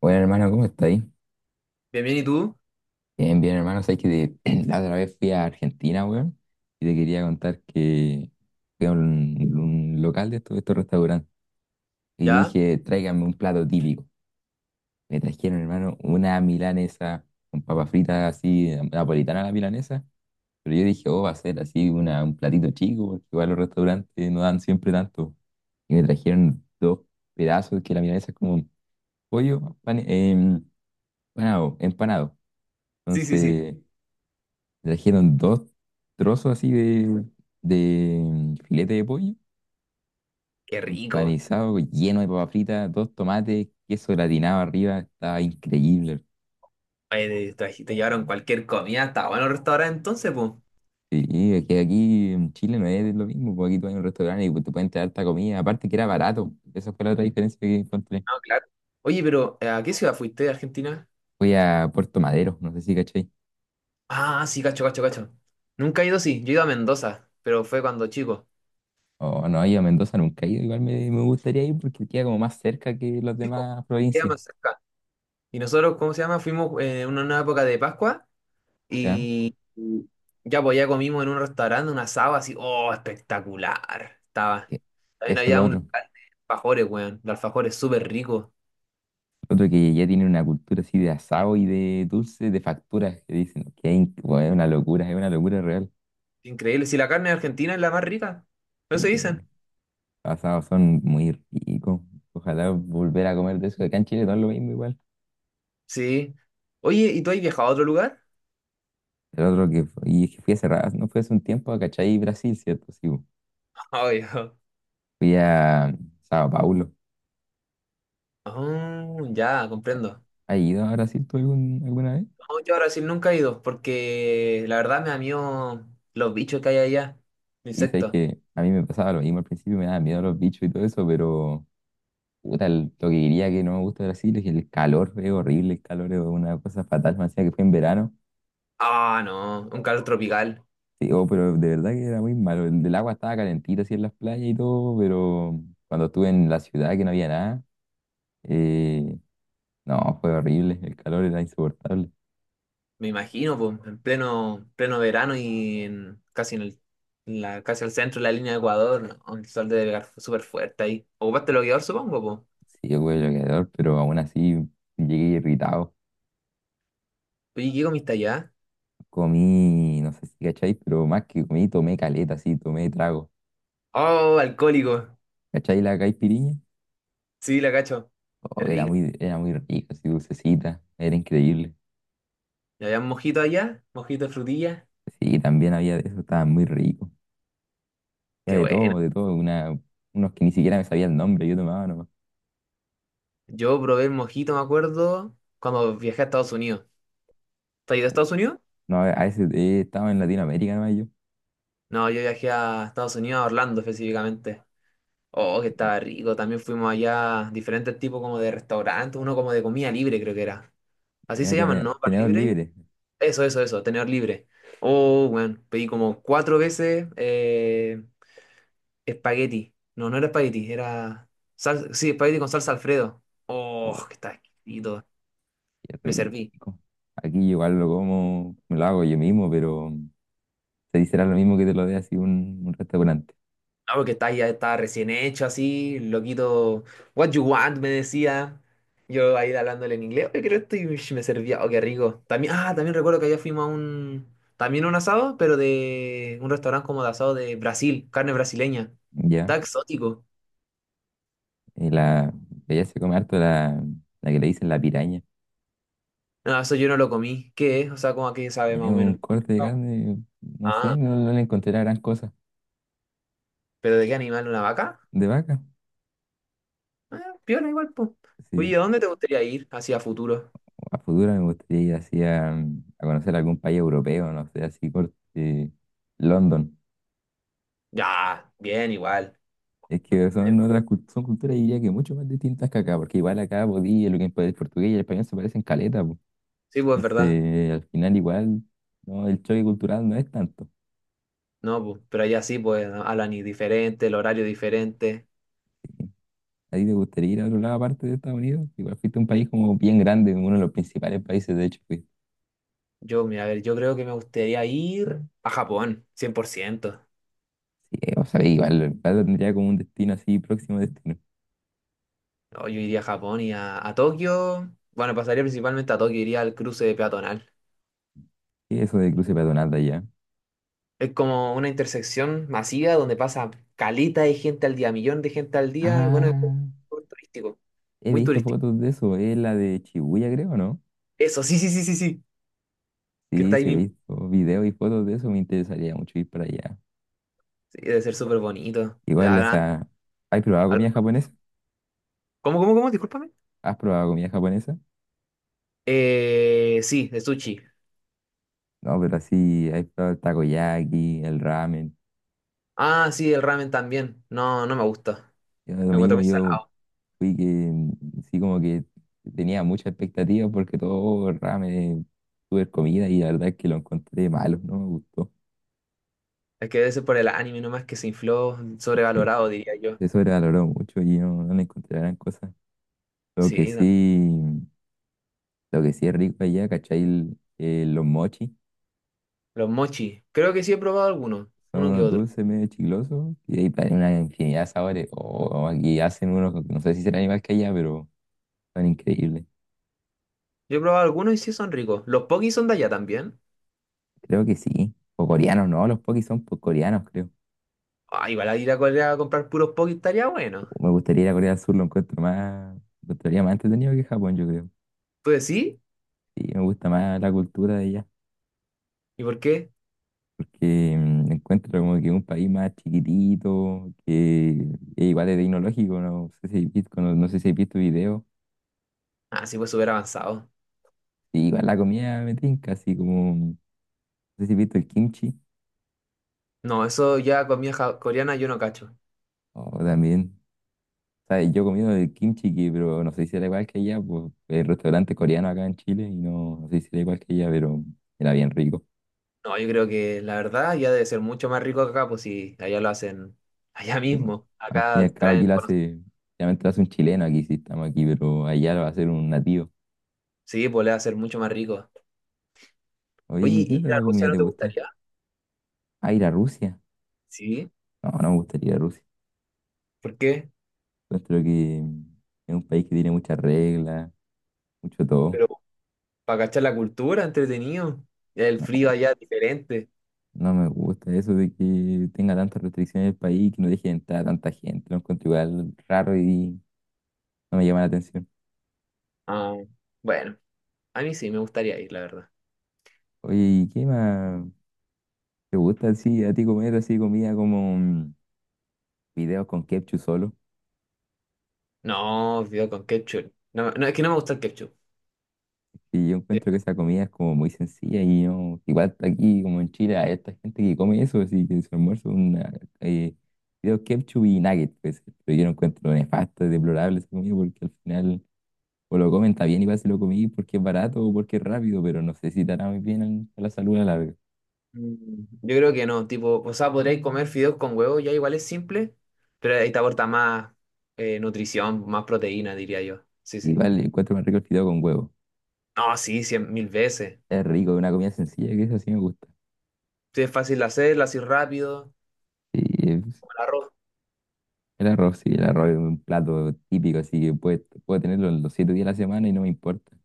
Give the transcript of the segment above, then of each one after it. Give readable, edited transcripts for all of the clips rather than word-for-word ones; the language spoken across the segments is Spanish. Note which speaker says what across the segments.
Speaker 1: Bueno, hermano, ¿cómo estáis?
Speaker 2: Bien, bien, ¿y tú?
Speaker 1: Bien, bien, hermano. Sabes que la otra vez fui a Argentina, weón, y te quería contar que fui a un local de estos restaurantes y
Speaker 2: ¿Ya?
Speaker 1: dije, tráiganme un plato típico. Me trajeron, hermano, una milanesa con papas fritas así, napolitana la milanesa. Pero yo dije, oh, va a ser así un platito chico, porque igual los restaurantes no dan siempre tanto. Y me trajeron dos pedazos, que la milanesa es como un pollo empanado.
Speaker 2: Sí, sí, sí.
Speaker 1: Entonces. Trajeron dos trozos así de filete de pollo,
Speaker 2: Qué rico.
Speaker 1: empanizado, lleno de papa frita, dos tomates, queso gratinado arriba, estaba increíble.
Speaker 2: Oye, te llevaron cualquier comida hasta buenos restaurantes entonces, pues. No,
Speaker 1: Sí, es que aquí en Chile no es lo mismo, porque aquí tú vas a un restaurante y te pueden traer harta comida, aparte que era barato, esa fue la otra diferencia que encontré.
Speaker 2: claro. Oye, pero ¿a qué ciudad fuiste de Argentina?
Speaker 1: Fui a Puerto Madero, no sé si cachai.
Speaker 2: Ah, sí, cacho, cacho, cacho. Nunca he ido, sí. Yo he ido a Mendoza, pero fue cuando chico.
Speaker 1: O no, yo a Mendoza nunca he ido, igual me gustaría ir porque queda como más cerca que las
Speaker 2: Chico po.
Speaker 1: demás
Speaker 2: Queda
Speaker 1: provincias,
Speaker 2: más cerca. Y nosotros, ¿cómo se llama? Fuimos en una época de Pascua
Speaker 1: ¿ya?
Speaker 2: y y ya, pues ya comimos en un restaurante un asado así. ¡Oh, espectacular!
Speaker 1: Es
Speaker 2: Estaba.
Speaker 1: que
Speaker 2: También
Speaker 1: Eso es
Speaker 2: había
Speaker 1: lo
Speaker 2: un
Speaker 1: otro.
Speaker 2: local de alfajores, weón. Los alfajores súper ricos.
Speaker 1: Otro que ya tiene una cultura así de asado y de dulce, de facturas, que dicen que bueno, es una locura real.
Speaker 2: Increíble. Si la carne argentina es la más rica.
Speaker 1: Sí,
Speaker 2: Eso dicen.
Speaker 1: asados son muy ricos. Ojalá volver a comer de eso. Acá en Chile no es lo mismo igual.
Speaker 2: Sí. Oye, ¿y tú has viajado a otro lugar?
Speaker 1: El otro que fue, y es que fui hace rato, no fue hace un tiempo a Cachai, Brasil, ¿cierto? Sí, bu.
Speaker 2: Ay,
Speaker 1: Fui a Sao Paulo.
Speaker 2: oh, ya, comprendo.
Speaker 1: ¿Has ido a Brasil tú alguna vez?
Speaker 2: No, yo a Brasil nunca he ido porque la verdad me da miedo los bichos que hay allá,
Speaker 1: Y sabes
Speaker 2: insectos.
Speaker 1: que a mí me pasaba lo mismo al principio, me daba miedo los bichos y todo eso, pero. Puta, lo que diría que no me gusta de Brasil es que el calor es horrible, el calor es una cosa fatal, me decía que fue en verano.
Speaker 2: Ah, no, un calor tropical,
Speaker 1: Sí, oh, pero de verdad que era muy malo. El del agua estaba calentita así en las playas y todo, pero cuando estuve en la ciudad que no había nada, eh, no, fue horrible, el calor era insoportable.
Speaker 2: me imagino, pues, en pleno verano y en- casi en el, en la, casi al centro de la línea de Ecuador, ¿no? El sol debe pegar súper fuerte ahí. ¿Ocupaste bloqueador, supongo,
Speaker 1: Sí, yo fue calor, pero aún así llegué irritado.
Speaker 2: pues? Oye, ¿qué comiste allá?
Speaker 1: Comí, no sé si cachai, pero más que comí, tomé caleta, sí, tomé trago.
Speaker 2: Oh, alcohólico.
Speaker 1: ¿Cachai la caipiriña?
Speaker 2: Sí, la cacho. Es
Speaker 1: Oh, era
Speaker 2: rica.
Speaker 1: muy, era muy rica, así dulcecita, era increíble.
Speaker 2: ¿Y había mojito allá? ¿Mojito de frutilla?
Speaker 1: Sí, también había de eso, estaba muy rico.
Speaker 2: Qué
Speaker 1: Había
Speaker 2: bueno.
Speaker 1: de todo, unos que ni siquiera me sabía el nombre, yo tomaba nomás.
Speaker 2: Yo probé el mojito, me acuerdo, cuando viajé a Estados Unidos. ¿Te has ido a Estados Unidos?
Speaker 1: No, a veces estaba en Latinoamérica nomás yo.
Speaker 2: No, yo viajé a Estados Unidos, a Orlando específicamente. Oh, que
Speaker 1: Ya,
Speaker 2: estaba rico. También fuimos allá a diferentes tipos como de restaurantes, uno como de comida libre, creo que era. Así
Speaker 1: ya
Speaker 2: se llaman, ¿no? ¿Bar
Speaker 1: tenedor
Speaker 2: libre?
Speaker 1: libre.
Speaker 2: Eso, tener libre. Oh, bueno, pedí como cuatro veces. Espagueti. No, no era espagueti, era... sal- sí, espagueti con salsa Alfredo. Oh,
Speaker 1: Oh,
Speaker 2: que está exquisito.
Speaker 1: qué
Speaker 2: Me serví.
Speaker 1: rico. Aquí yo igual lo como, me lo hago yo mismo, pero se dice lo mismo que te lo dé así un restaurante.
Speaker 2: No, porque está, ya estaba recién hecho así, loquito. What you want, me decía. Yo ahí hablándole en inglés. Oye, quiero esto y uish, me servía. Oh, qué rico. También, ah, también recuerdo que allá fuimos a un... también a un asado, pero de un restaurante como de asado de Brasil, carne brasileña. Está
Speaker 1: Ya,
Speaker 2: exótico.
Speaker 1: y allá se come harto la que le dicen la piraña.
Speaker 2: No, eso yo no lo comí. ¿Qué es? O sea, ¿cómo a qué sabe
Speaker 1: Es
Speaker 2: más o
Speaker 1: un
Speaker 2: menos?
Speaker 1: corte de carne, no sé,
Speaker 2: Ah,
Speaker 1: no, no le encontré la gran cosa.
Speaker 2: ¿pero de qué animal? ¿Una vaca?
Speaker 1: ¿De vaca?
Speaker 2: Ah, piola igual, pues. Oye,
Speaker 1: Sí.
Speaker 2: ¿a dónde te gustaría ir hacia futuro?
Speaker 1: A futuro me gustaría ir así a conocer algún país europeo, no sé, así corte London.
Speaker 2: Ya, bien, igual.
Speaker 1: Es que son culturas, diría que mucho más distintas que acá, porque igual acá podía, lo que es el portugués y el español se parecen caleta, po.
Speaker 2: Sí, pues, verdad.
Speaker 1: Entonces, al final igual, no, el choque cultural no es tanto.
Speaker 2: No, pues, pero allá sí, pues, ¿no? Hablan y diferente, el horario diferente.
Speaker 1: ¿A ti te gustaría ir a otro lado aparte de Estados Unidos? Igual fuiste a un país como bien grande, uno de los principales países, de hecho, fuiste.
Speaker 2: Yo, mira, a ver, yo creo que me gustaría ir a Japón, 100%.
Speaker 1: Sí, o sea, igual tendría como un destino así, próximo destino.
Speaker 2: No, yo iría a Japón y a Tokio. Bueno, pasaría principalmente a Tokio, iría al cruce peatonal.
Speaker 1: ¿Qué es eso de cruce peatonal de allá?
Speaker 2: Es como una intersección masiva donde pasa caleta de gente al día, millón de gente al día, y bueno, es
Speaker 1: Ah.
Speaker 2: muy turístico.
Speaker 1: He
Speaker 2: Muy
Speaker 1: visto
Speaker 2: turístico.
Speaker 1: fotos de eso, es la de Chibuya, creo, ¿no?
Speaker 2: Eso, sí, sí, sí, sí, sí, que
Speaker 1: Sí,
Speaker 2: está ahí
Speaker 1: sí, he
Speaker 2: mismo.
Speaker 1: visto videos y fotos de eso, me interesaría mucho ir para allá.
Speaker 2: Sí, debe ser súper bonito.
Speaker 1: Igual
Speaker 2: Habrá-
Speaker 1: esa. ¿Has probado
Speaker 2: al-
Speaker 1: comida japonesa?
Speaker 2: ¿Cómo, cómo, cómo? Discúlpame.
Speaker 1: ¿Has probado comida japonesa?
Speaker 2: Sí, de sushi.
Speaker 1: No, pero así, has probado el takoyaki, el ramen.
Speaker 2: Ah, sí, el ramen también. No, no me gusta.
Speaker 1: Yo, lo
Speaker 2: Lo encuentro
Speaker 1: mismo,
Speaker 2: muy
Speaker 1: yo
Speaker 2: salado.
Speaker 1: fui que, sí, como que tenía mucha expectativa porque todo el ramen, tuve comida y la verdad es que lo encontré malo, no me gustó.
Speaker 2: Es que debe ser por el anime nomás que se infló,
Speaker 1: Sí,
Speaker 2: sobrevalorado, diría yo.
Speaker 1: se sobrevaloró mucho y no, no le encontré gran cosa. Lo que
Speaker 2: Sí, no.
Speaker 1: sí. Lo que sí es rico allá, ¿cachai? Los mochi
Speaker 2: Los mochi. Creo que sí he probado algunos,
Speaker 1: son
Speaker 2: uno que
Speaker 1: unos
Speaker 2: otro.
Speaker 1: dulces medio chiclosos y hay una infinidad de sabores. O aquí hacen unos, no sé si serán igual que allá, pero son increíbles.
Speaker 2: Yo he probado algunos y sí son ricos. Los pokis son de allá también.
Speaker 1: Creo que sí. O coreanos, no, los pokis son coreanos, creo.
Speaker 2: Ah, igual a ir a Corea a comprar puros pokis estaría bueno.
Speaker 1: O Me gustaría ir a Corea del Sur, lo encuentro más, lo encontraría más entretenido que Japón, yo creo.
Speaker 2: ¿Tú decís?
Speaker 1: Sí, me gusta más la cultura de allá,
Speaker 2: ¿Y por qué?
Speaker 1: porque encuentro como que es un país más chiquitito, que es igual de tecnológico, no sé si he visto, no, no sé si he visto videos.
Speaker 2: Ah, sí, pues súper avanzado.
Speaker 1: Sí, igual la comida me tinca, así como, no sé si has visto el kimchi,
Speaker 2: No, eso ya comida ja- coreana yo no cacho.
Speaker 1: o también, ¿sabes? Yo he comido el kimchi, que, pero no sé si era igual que allá, pues el restaurante coreano acá en Chile, y no, no sé si era igual que allá, pero era bien rico.
Speaker 2: No, yo creo que la verdad ya debe ser mucho más rico que acá, pues si allá lo hacen allá
Speaker 1: Y bueno,
Speaker 2: mismo.
Speaker 1: al fin y
Speaker 2: Acá
Speaker 1: al cabo aquí
Speaker 2: traen,
Speaker 1: lo
Speaker 2: cono-
Speaker 1: hace, realmente lo hace un chileno, aquí sí estamos aquí, pero allá lo va a hacer un nativo.
Speaker 2: sí, pues le va a ser mucho más rico.
Speaker 1: Oye,
Speaker 2: Oye,
Speaker 1: ¿y qué
Speaker 2: ¿y ir a
Speaker 1: otra
Speaker 2: Rusia
Speaker 1: comida
Speaker 2: no
Speaker 1: te
Speaker 2: te
Speaker 1: gusta?
Speaker 2: gustaría?
Speaker 1: Ah, ir a Rusia.
Speaker 2: Sí,
Speaker 1: No, no me gustaría ir a Rusia.
Speaker 2: ¿por qué?
Speaker 1: Encuentro que es un país que tiene muchas reglas, mucho todo.
Speaker 2: Pero para cachar la cultura, entretenido. El
Speaker 1: No,
Speaker 2: frío allá es diferente.
Speaker 1: no me gusta eso de que tenga tantas restricciones el país, que no deje de entrar a tanta gente. Lo encuentro igual raro y no me llama la atención.
Speaker 2: Ah, bueno, a mí sí me gustaría ir, la verdad.
Speaker 1: Oye, ¿y qué más te gusta así a ti comer así comida como fideos con ketchup solo?
Speaker 2: No, video con ketchup. No, no, es que no me gusta el ketchup.
Speaker 1: Y yo encuentro que esa comida es como muy sencilla y no, igual aquí como en Chile hay esta gente que come eso, así que su almuerzo es una eh, fideos ketchup y nuggets, pues, pero yo lo encuentro nefasto, deplorable esa comida porque al final o lo comen, está bien, igual se lo comí porque es barato o porque es rápido, pero no sé si te hará muy bien a la salud a la larga.
Speaker 2: Mm, yo creo que no, tipo, o sea, podríais comer fideos con huevo, ya igual es simple, pero ahí te aporta más nutrición, más proteína, diría yo. Sí, sí.
Speaker 1: Igual encuentro más rico el fideo con huevo.
Speaker 2: No, sí, cien mil veces.
Speaker 1: Es rico, es una comida sencilla que eso sí me gusta.
Speaker 2: Sí, es fácil de hacer, lo haces rápido,
Speaker 1: Sí, es-
Speaker 2: como el arroz.
Speaker 1: el arroz, sí, el arroz es un plato típico, así que puedo tenerlo los 7 días de la semana y no me importa.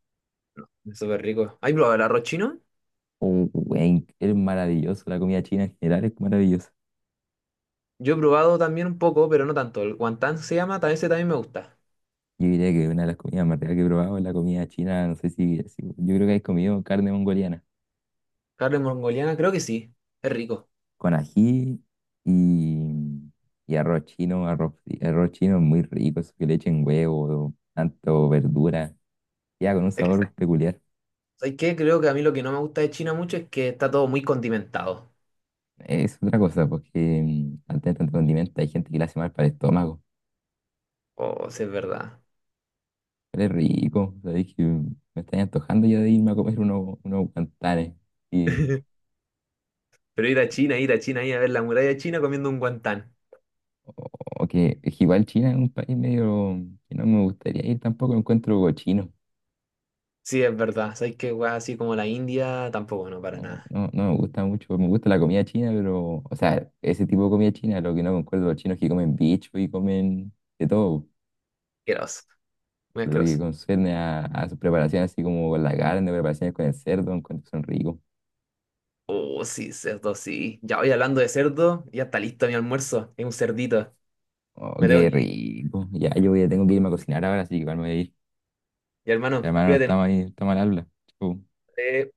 Speaker 2: Es súper rico. ¿Has probado el arroz chino?
Speaker 1: Oh, wey, es maravilloso, la comida china en general es maravillosa.
Speaker 2: Yo he probado también un poco, pero no tanto. El guantán se llama, también ese también me gusta.
Speaker 1: Yo diría que una de las comidas más ricas que he probado es la comida china, no sé si, yo creo que has comido carne mongoliana.
Speaker 2: Carne mongoliana, creo que sí, es rico.
Speaker 1: Con ají y, y arroz chino, arroz chino muy rico, eso que le echen huevo, tanto verdura, ya con un
Speaker 2: Es que, ¿sabes
Speaker 1: sabor peculiar.
Speaker 2: sabes qué? Creo que a mí lo que no me gusta de China mucho es que está todo muy condimentado.
Speaker 1: Es otra cosa, porque al tener tanto condimento hay gente que le hace mal para el estómago,
Speaker 2: Oh, sí, es verdad.
Speaker 1: pero es rico, sabéis que me estoy antojando ya de irme a comer unos guantanes. Y,
Speaker 2: Pero ir a China, ir a China, ir a ver la muralla china comiendo un guantán.
Speaker 1: o, o que es que igual China es un país medio que no me gustaría ir tampoco, lo encuentro cochino.
Speaker 2: Sí, es verdad. ¿Sabes qué, weá? Así como la India, tampoco, no, para
Speaker 1: No,
Speaker 2: nada.
Speaker 1: no, no me gusta mucho. Me gusta la comida china, pero, o sea, ese tipo de comida china, lo que no concuerdo los chinos es que comen bicho y comen de todo.
Speaker 2: Asqueroso, muy
Speaker 1: Lo que
Speaker 2: asqueroso.
Speaker 1: concierne a sus preparaciones, así como con la carne, preparaciones con el cerdo, encuentro que son ricos.
Speaker 2: Oh, sí, cerdo, sí. Ya voy hablando de cerdo, ya está listo mi almuerzo. Es un cerdito.
Speaker 1: Oh,
Speaker 2: Me tengo
Speaker 1: qué
Speaker 2: que ir.
Speaker 1: rico. Ya, yo ya tengo que irme a cocinar ahora, así que igual me voy a ir.
Speaker 2: Y hermano,
Speaker 1: Hermano, no
Speaker 2: cuídate, ¿no?
Speaker 1: está mal, está mal habla. Chau.
Speaker 2: Eh,